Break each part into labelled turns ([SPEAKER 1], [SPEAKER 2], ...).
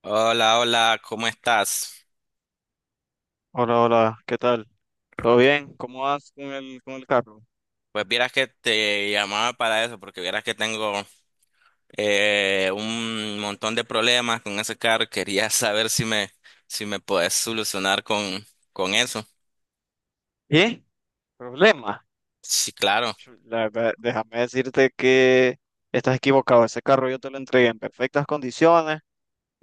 [SPEAKER 1] Hola, hola, ¿cómo estás?
[SPEAKER 2] Hola, hola, ¿qué tal? ¿Todo bien? ¿Cómo vas con con el carro?
[SPEAKER 1] Pues vieras que te llamaba para eso, porque vieras que tengo un montón de problemas con ese carro. Quería saber si me puedes solucionar con eso.
[SPEAKER 2] ¿Y? ¿Problema?
[SPEAKER 1] Sí, claro.
[SPEAKER 2] La verdad, déjame decirte que estás equivocado. Ese carro yo te lo entregué en perfectas condiciones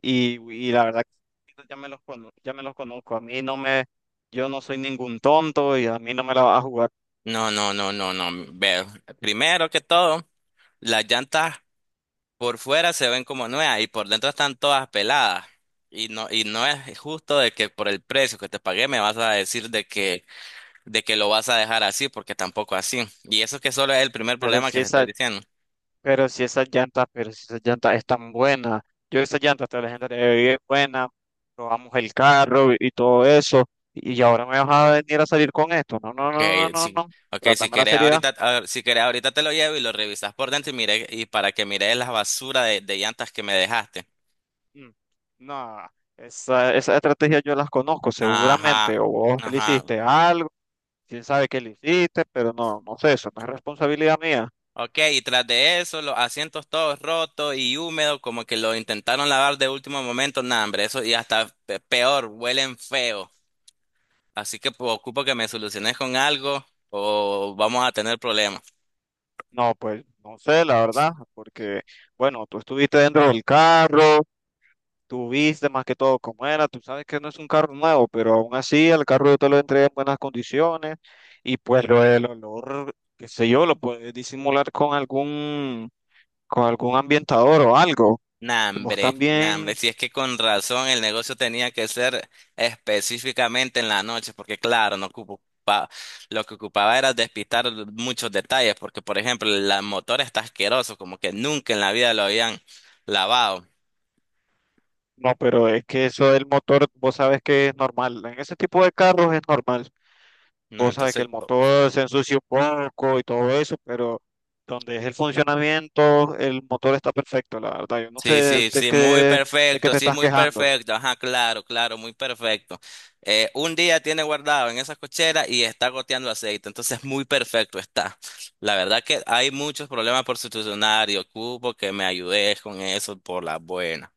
[SPEAKER 2] y la verdad que ya me los conozco. A mí no me, Yo no soy ningún tonto y a mí no me la vas a jugar.
[SPEAKER 1] No, no, no, no, no. Veo. Primero que todo, las llantas por fuera se ven como nuevas y por dentro están todas peladas. Y no es justo de que por el precio que te pagué me vas a decir de que lo vas a dejar así, porque tampoco así. Y eso que solo es el primer
[SPEAKER 2] Pero
[SPEAKER 1] problema que
[SPEAKER 2] si
[SPEAKER 1] te estoy diciendo.
[SPEAKER 2] pero si esas llantas están buenas, yo esas llantas te las entregué buenas, probamos el carro y, todo eso, y ahora me vas a venir a salir con esto. No, no, no, no,
[SPEAKER 1] Okay,
[SPEAKER 2] no,
[SPEAKER 1] sí.
[SPEAKER 2] no,
[SPEAKER 1] Okay, si
[SPEAKER 2] trátame la
[SPEAKER 1] querés
[SPEAKER 2] seriedad.
[SPEAKER 1] ahorita, si querés ahorita te lo llevo y lo revisas por dentro y mire, y para que mires la basura de llantas que me dejaste.
[SPEAKER 2] Mm, No, esa estrategia yo las conozco
[SPEAKER 1] Ajá,
[SPEAKER 2] seguramente, o vos le
[SPEAKER 1] ajá.
[SPEAKER 2] hiciste algo, quién sabe qué le hiciste, pero no, no sé, eso no es responsabilidad mía.
[SPEAKER 1] Okay, y tras de eso, los asientos todos rotos y húmedos, como que lo intentaron lavar de último momento, nah, hombre, eso y hasta peor, huelen feo. Así que pues, ocupo que me soluciones con algo o vamos a tener problemas.
[SPEAKER 2] No, pues no sé, la verdad, porque, bueno, tú estuviste dentro del carro. Tú viste más que todo cómo era, tú sabes que no es un carro nuevo, pero aún así el carro yo te lo entregué en buenas condiciones y pues lo del olor, qué sé yo, lo puedes disimular con algún ambientador o algo. Vos
[SPEAKER 1] Nah, hombre,
[SPEAKER 2] también,
[SPEAKER 1] si es que con razón el negocio tenía que ser específicamente en la noche, porque claro, no ocupaba, lo que ocupaba era despistar muchos detalles, porque por ejemplo, el motor está asqueroso, como que nunca en la vida lo habían lavado.
[SPEAKER 2] no, pero es que eso del motor, vos sabes que es normal, en ese tipo de carros es normal.
[SPEAKER 1] No,
[SPEAKER 2] Vos sabes que
[SPEAKER 1] entonces
[SPEAKER 2] el motor se ensucia un poco y todo eso, pero donde es el funcionamiento, el motor está perfecto, la verdad. Yo no
[SPEAKER 1] sí,
[SPEAKER 2] sé
[SPEAKER 1] sí,
[SPEAKER 2] de
[SPEAKER 1] sí, muy
[SPEAKER 2] qué, de qué
[SPEAKER 1] perfecto,
[SPEAKER 2] te
[SPEAKER 1] sí,
[SPEAKER 2] estás
[SPEAKER 1] muy
[SPEAKER 2] quejando.
[SPEAKER 1] perfecto. Ajá, claro, claro, muy perfecto. Un día tiene guardado en esa cochera y está goteando aceite, entonces muy perfecto está. La verdad que hay muchos problemas por solucionar y ocupo que me ayudes con eso por las buenas,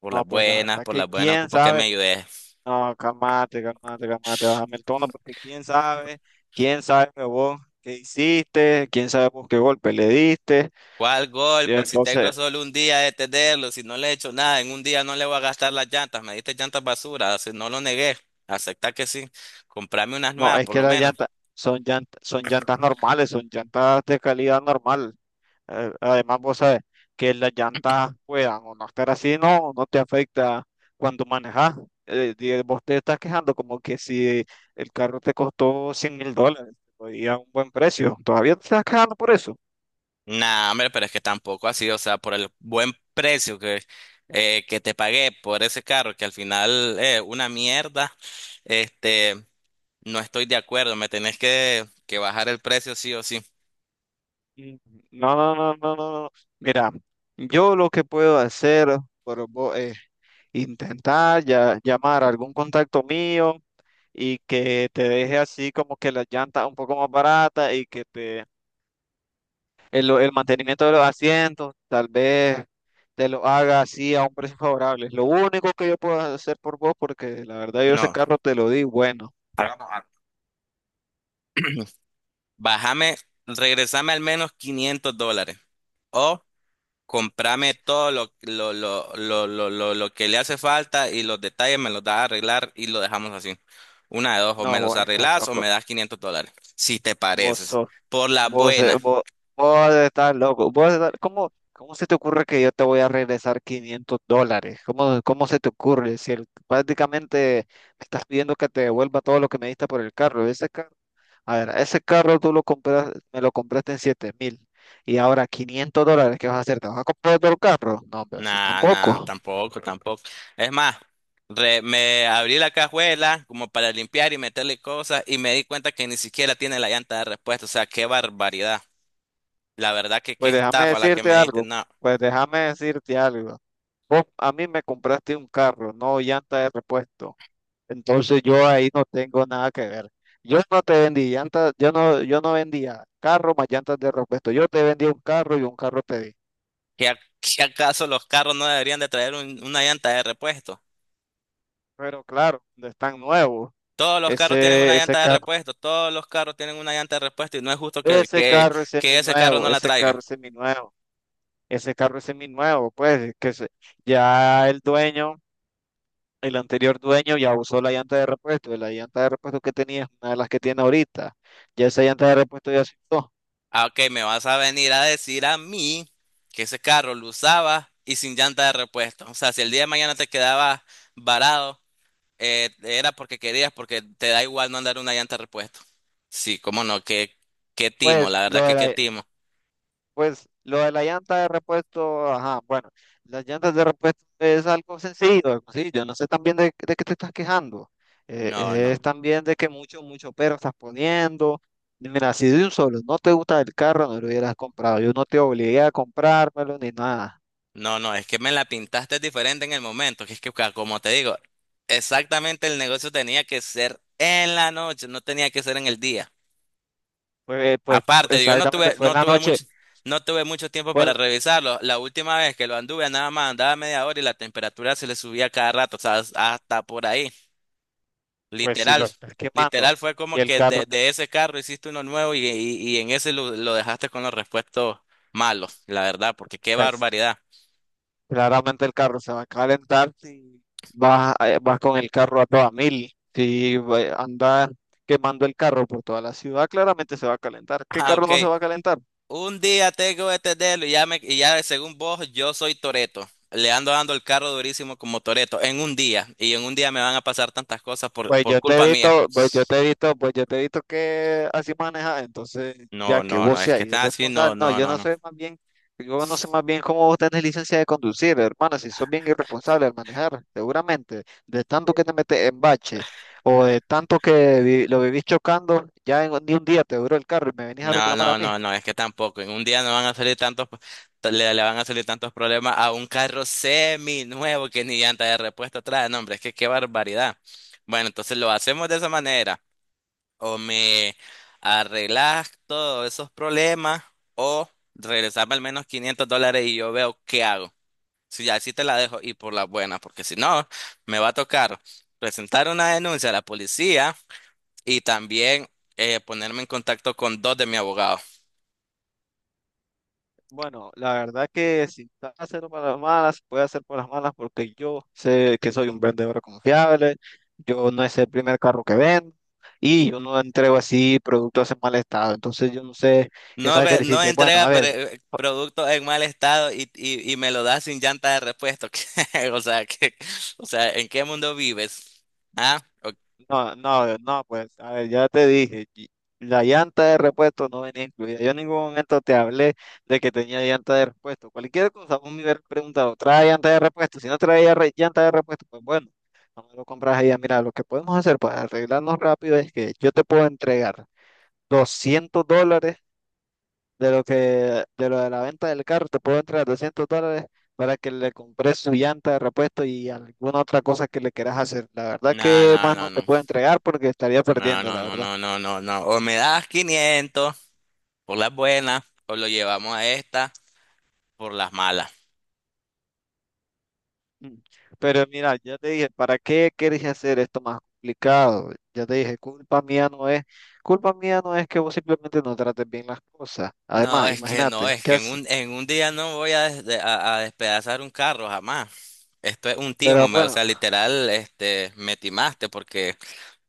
[SPEAKER 1] por
[SPEAKER 2] No,
[SPEAKER 1] las
[SPEAKER 2] pues la
[SPEAKER 1] buenas,
[SPEAKER 2] verdad
[SPEAKER 1] por
[SPEAKER 2] que
[SPEAKER 1] las buenas,
[SPEAKER 2] quién
[SPEAKER 1] ocupo que me
[SPEAKER 2] sabe.
[SPEAKER 1] ayudes.
[SPEAKER 2] No, calmate, calmate, calmate, bájame el tono, porque quién sabe vos qué hiciste, quién sabe vos qué golpe le diste.
[SPEAKER 1] ¿Cuál
[SPEAKER 2] Y
[SPEAKER 1] golpe? Si tengo
[SPEAKER 2] entonces,
[SPEAKER 1] solo un día de tenerlo, si no le he hecho nada, en un día no le voy a gastar las llantas, me diste llantas basura, si no lo negué, acepta que sí, comprame unas
[SPEAKER 2] no,
[SPEAKER 1] nuevas
[SPEAKER 2] es
[SPEAKER 1] por
[SPEAKER 2] que
[SPEAKER 1] lo
[SPEAKER 2] las
[SPEAKER 1] menos.
[SPEAKER 2] llantas son llantas normales, son llantas de calidad normal. Además, vos sabes que las llantas puedan o no estar así, no te afecta cuando manejas. Vos te estás quejando como que si el carro te costó $100.000 y a un buen precio, todavía te estás quejando por eso.
[SPEAKER 1] Nah, hombre, pero es que tampoco así, o sea, por el buen precio que te pagué por ese carro, que al final es una mierda, este, no estoy de acuerdo, me tenés que bajar el precio sí o sí.
[SPEAKER 2] Mm, No, no, no, no, no, no. Mira, yo lo que puedo hacer por vos es intentar ya, llamar a algún contacto mío y que te deje así como que las llantas un poco más baratas y que te el mantenimiento de los asientos, tal vez te lo haga así a un precio favorable. Es lo único que yo puedo hacer por vos, porque la verdad yo ese
[SPEAKER 1] No,
[SPEAKER 2] carro te lo di, bueno.
[SPEAKER 1] hagamos algo. Bájame, regresame al menos $500. Comprame todo lo que le hace falta y los detalles me los das a arreglar y lo dejamos así. Una de dos, o me
[SPEAKER 2] No,
[SPEAKER 1] los
[SPEAKER 2] vos estás
[SPEAKER 1] arreglas o
[SPEAKER 2] loco.
[SPEAKER 1] me das $500, si te
[SPEAKER 2] Vos
[SPEAKER 1] pareces.
[SPEAKER 2] sos,
[SPEAKER 1] Por la
[SPEAKER 2] vos, eh,
[SPEAKER 1] buena.
[SPEAKER 2] vos, vos estás loco. ¿Cómo se te ocurre que yo te voy a regresar $500? ¿Cómo se te ocurre? Si el- prácticamente me estás pidiendo que te devuelva todo lo que me diste por el carro. Ese carro A ver, ese carro me lo compraste en 7.000 y ahora $500, ¿qué vas a hacer? ¿Te vas a comprar otro carro? No, pero sí,
[SPEAKER 1] Nah, nah,
[SPEAKER 2] tampoco.
[SPEAKER 1] tampoco, tampoco. Es más, me abrí la cajuela como para limpiar y meterle cosas y me di cuenta que ni siquiera tiene la llanta de repuesto. O sea, qué barbaridad. La verdad que qué
[SPEAKER 2] Pues déjame
[SPEAKER 1] estafa la que
[SPEAKER 2] decirte
[SPEAKER 1] me diste.
[SPEAKER 2] algo,
[SPEAKER 1] No,
[SPEAKER 2] pues déjame decirte algo. Vos a mí me compraste un carro, no llanta de repuesto. Entonces yo ahí no tengo nada que ver. Yo no te vendí llantas, yo no vendía carro más llantas de repuesto. Yo te vendí un carro y un carro te di.
[SPEAKER 1] ¿qué acaso los carros no deberían de traer una llanta de repuesto?
[SPEAKER 2] Pero claro, no es tan nuevo.
[SPEAKER 1] Todos los carros tienen una
[SPEAKER 2] Ese, ese
[SPEAKER 1] llanta de
[SPEAKER 2] carro
[SPEAKER 1] repuesto, todos los carros tienen una llanta de repuesto y no es justo que,
[SPEAKER 2] Ese
[SPEAKER 1] que,
[SPEAKER 2] carro es
[SPEAKER 1] que ese carro
[SPEAKER 2] seminuevo,
[SPEAKER 1] no la
[SPEAKER 2] ese carro
[SPEAKER 1] traiga.
[SPEAKER 2] es seminuevo, ese carro es seminuevo, ya el dueño, el anterior dueño ya usó la llanta de repuesto, y la llanta de repuesto que tenía es una de las que tiene ahorita, ya esa llanta de repuesto ya se usó.
[SPEAKER 1] Ah, ok, me vas a venir a decir a mí que ese carro lo usaba y sin llanta de repuesto. O sea, si el día de mañana te quedabas varado, era porque querías, porque te da igual no andar una llanta de repuesto. Sí, cómo no, qué timo,
[SPEAKER 2] Pues
[SPEAKER 1] la
[SPEAKER 2] lo
[SPEAKER 1] verdad que
[SPEAKER 2] de
[SPEAKER 1] qué
[SPEAKER 2] la-
[SPEAKER 1] timo.
[SPEAKER 2] Pues lo de la llanta de repuesto, ajá, bueno, las llantas de repuesto es algo sencillo, sí, yo no sé también de qué te estás quejando,
[SPEAKER 1] No,
[SPEAKER 2] es
[SPEAKER 1] no.
[SPEAKER 2] también de que mucho, mucho pero estás poniendo. Y mira, si de un solo no te gusta el carro, no lo hubieras comprado, yo no te obligué a comprármelo ni nada,
[SPEAKER 1] No, no, es que me la pintaste diferente en el momento, que es que como te digo, exactamente el negocio tenía que ser en la noche, no tenía que ser en el día.
[SPEAKER 2] pues
[SPEAKER 1] Aparte, yo no
[SPEAKER 2] exactamente
[SPEAKER 1] tuve,
[SPEAKER 2] fue en
[SPEAKER 1] no
[SPEAKER 2] la
[SPEAKER 1] tuve
[SPEAKER 2] noche,
[SPEAKER 1] mucho, no tuve mucho tiempo para
[SPEAKER 2] pues,
[SPEAKER 1] revisarlo. La última vez que lo anduve, nada más andaba media hora y la temperatura se le subía cada rato, o sea, hasta por ahí.
[SPEAKER 2] pues si
[SPEAKER 1] Literal,
[SPEAKER 2] lo estás quemando,
[SPEAKER 1] literal fue como
[SPEAKER 2] si el
[SPEAKER 1] que de,
[SPEAKER 2] carro...
[SPEAKER 1] de ese carro hiciste uno nuevo y en ese lo dejaste con los repuestos malos, la verdad, porque qué
[SPEAKER 2] pues
[SPEAKER 1] barbaridad.
[SPEAKER 2] claramente el carro se va a calentar si vas con el carro a toda mil. Si va- anda quemando el carro por toda la ciudad, claramente se va a calentar. ¿Qué
[SPEAKER 1] Ah,
[SPEAKER 2] carro
[SPEAKER 1] ok.
[SPEAKER 2] no se va a calentar?
[SPEAKER 1] Un día tengo este dedo y ya, y ya según vos, yo soy Toreto. Le ando dando el carro durísimo como Toreto en un día. Y en un día me van a pasar tantas cosas por,
[SPEAKER 2] Pues
[SPEAKER 1] por
[SPEAKER 2] yo te he
[SPEAKER 1] culpa mía.
[SPEAKER 2] visto, pues yo te he visto, que así manejas, entonces
[SPEAKER 1] No,
[SPEAKER 2] ya que
[SPEAKER 1] no,
[SPEAKER 2] vos
[SPEAKER 1] no, es
[SPEAKER 2] seas
[SPEAKER 1] que está así, no,
[SPEAKER 2] irresponsable, no,
[SPEAKER 1] no,
[SPEAKER 2] yo
[SPEAKER 1] no,
[SPEAKER 2] no
[SPEAKER 1] no.
[SPEAKER 2] sé más bien cómo vos tenés licencia de conducir, hermano, si sos bien irresponsable al manejar, seguramente, de tanto que te metes en bache o de tanto que lo vivís chocando, ni un día te duró el carro y me venís a
[SPEAKER 1] No,
[SPEAKER 2] reclamar a
[SPEAKER 1] no,
[SPEAKER 2] mí.
[SPEAKER 1] no, no, es que tampoco. En un día no van a salir le van a salir tantos problemas a un carro semi nuevo que ni llanta de repuesto trae. No, hombre, es que qué barbaridad. Bueno, entonces lo hacemos de esa manera. O me arreglas todos esos problemas o regresarme al menos $500 y yo veo qué hago. Si ya así te la dejo y por la buena, porque si no, me va a tocar presentar una denuncia a la policía y también ponerme en contacto con dos de mi abogado.
[SPEAKER 2] Bueno, la verdad que si está haciendo para las malas, puede hacer por las malas porque yo sé que soy un vendedor confiable, yo no es el primer carro que vendo y yo no entrego así productos en mal estado. Entonces yo no sé, ya
[SPEAKER 1] No,
[SPEAKER 2] sabes que le
[SPEAKER 1] no
[SPEAKER 2] hiciste, bueno,
[SPEAKER 1] entrega
[SPEAKER 2] a ver.
[SPEAKER 1] producto en mal estado y, me lo da sin llanta de repuesto. O sea, o sea, ¿en qué mundo vives? ¿Ah?
[SPEAKER 2] No, no, no, pues, a ver, ya te dije, la llanta de repuesto no venía incluida. Yo en ningún momento te hablé de que tenía llanta de repuesto. Cualquier cosa, vos me hubieras preguntado, ¿trae llanta de repuesto? Si no traía llanta de repuesto, pues bueno, no me lo compras ahí. Mira, lo que podemos hacer para arreglarnos rápido es que yo te puedo entregar $200 de lo que, de lo de la venta del carro, te puedo entregar 200 dólares para que le compres su llanta de repuesto y alguna otra cosa que le quieras hacer. La verdad
[SPEAKER 1] No,
[SPEAKER 2] que
[SPEAKER 1] no,
[SPEAKER 2] más
[SPEAKER 1] no,
[SPEAKER 2] no te
[SPEAKER 1] no.
[SPEAKER 2] puedo entregar porque estaría
[SPEAKER 1] No,
[SPEAKER 2] perdiendo,
[SPEAKER 1] no,
[SPEAKER 2] la
[SPEAKER 1] no,
[SPEAKER 2] verdad.
[SPEAKER 1] no, no, no, no. O me das 500 por las buenas, o lo llevamos a esta por las malas.
[SPEAKER 2] Mm. Pero mira, ya te dije, ¿para qué quieres hacer esto más complicado? Ya te dije, culpa mía no es que vos simplemente no trates bien las cosas.
[SPEAKER 1] No,
[SPEAKER 2] Además,
[SPEAKER 1] es que no,
[SPEAKER 2] imagínate,
[SPEAKER 1] es
[SPEAKER 2] ¿qué
[SPEAKER 1] que en
[SPEAKER 2] haces?
[SPEAKER 1] un, en un día no voy a, a despedazar un carro jamás. Esto es un
[SPEAKER 2] Pero
[SPEAKER 1] timo, o
[SPEAKER 2] bueno,
[SPEAKER 1] sea, literal, me timaste porque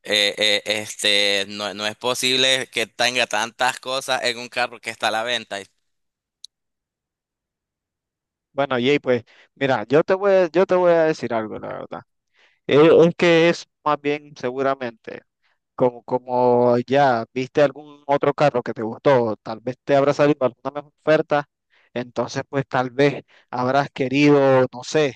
[SPEAKER 1] no, no es posible que tenga tantas cosas en un carro que está a la venta.
[SPEAKER 2] bueno, Jay, pues mira, yo te voy a decir algo, la verdad. Es que es más bien seguramente. Como ya viste algún otro carro que te gustó, tal vez te habrá salido alguna mejor oferta, entonces pues tal vez habrás querido, no sé,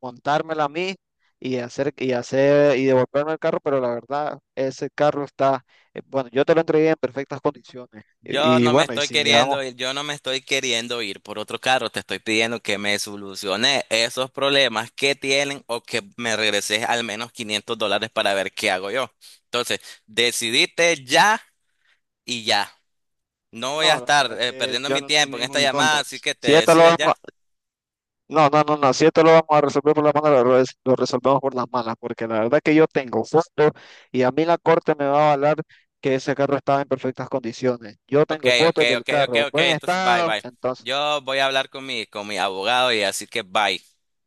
[SPEAKER 2] montármela a mí y hacer y devolverme el carro, pero la verdad ese carro está, bueno, yo te lo entregué en perfectas condiciones
[SPEAKER 1] Yo
[SPEAKER 2] y
[SPEAKER 1] no me
[SPEAKER 2] bueno, y
[SPEAKER 1] estoy
[SPEAKER 2] si llevamos,
[SPEAKER 1] queriendo ir, yo no me estoy queriendo ir por otro carro, te estoy pidiendo que me soluciones esos problemas que tienen o que me regreses al menos $500 para ver qué hago yo. Entonces, decidite ya y ya. No voy a
[SPEAKER 2] no, la
[SPEAKER 1] estar
[SPEAKER 2] verdad que
[SPEAKER 1] perdiendo
[SPEAKER 2] yo
[SPEAKER 1] mi
[SPEAKER 2] no soy
[SPEAKER 1] tiempo en esta
[SPEAKER 2] ningún
[SPEAKER 1] llamada,
[SPEAKER 2] tonto.
[SPEAKER 1] así que te
[SPEAKER 2] Si esto lo
[SPEAKER 1] decides
[SPEAKER 2] vamos
[SPEAKER 1] ya.
[SPEAKER 2] No, no, no, no, si esto lo vamos a resolver por las manos, lo resolvemos por las manos, porque la verdad que yo tengo fotos y a mí la corte me va a avalar que ese carro estaba en perfectas condiciones. Yo
[SPEAKER 1] Ok,
[SPEAKER 2] tengo
[SPEAKER 1] ok,
[SPEAKER 2] fotos del
[SPEAKER 1] ok, ok,
[SPEAKER 2] carro en
[SPEAKER 1] ok,
[SPEAKER 2] buen
[SPEAKER 1] entonces bye,
[SPEAKER 2] estado,
[SPEAKER 1] bye.
[SPEAKER 2] entonces.
[SPEAKER 1] Yo voy a hablar con mi abogado y así que bye.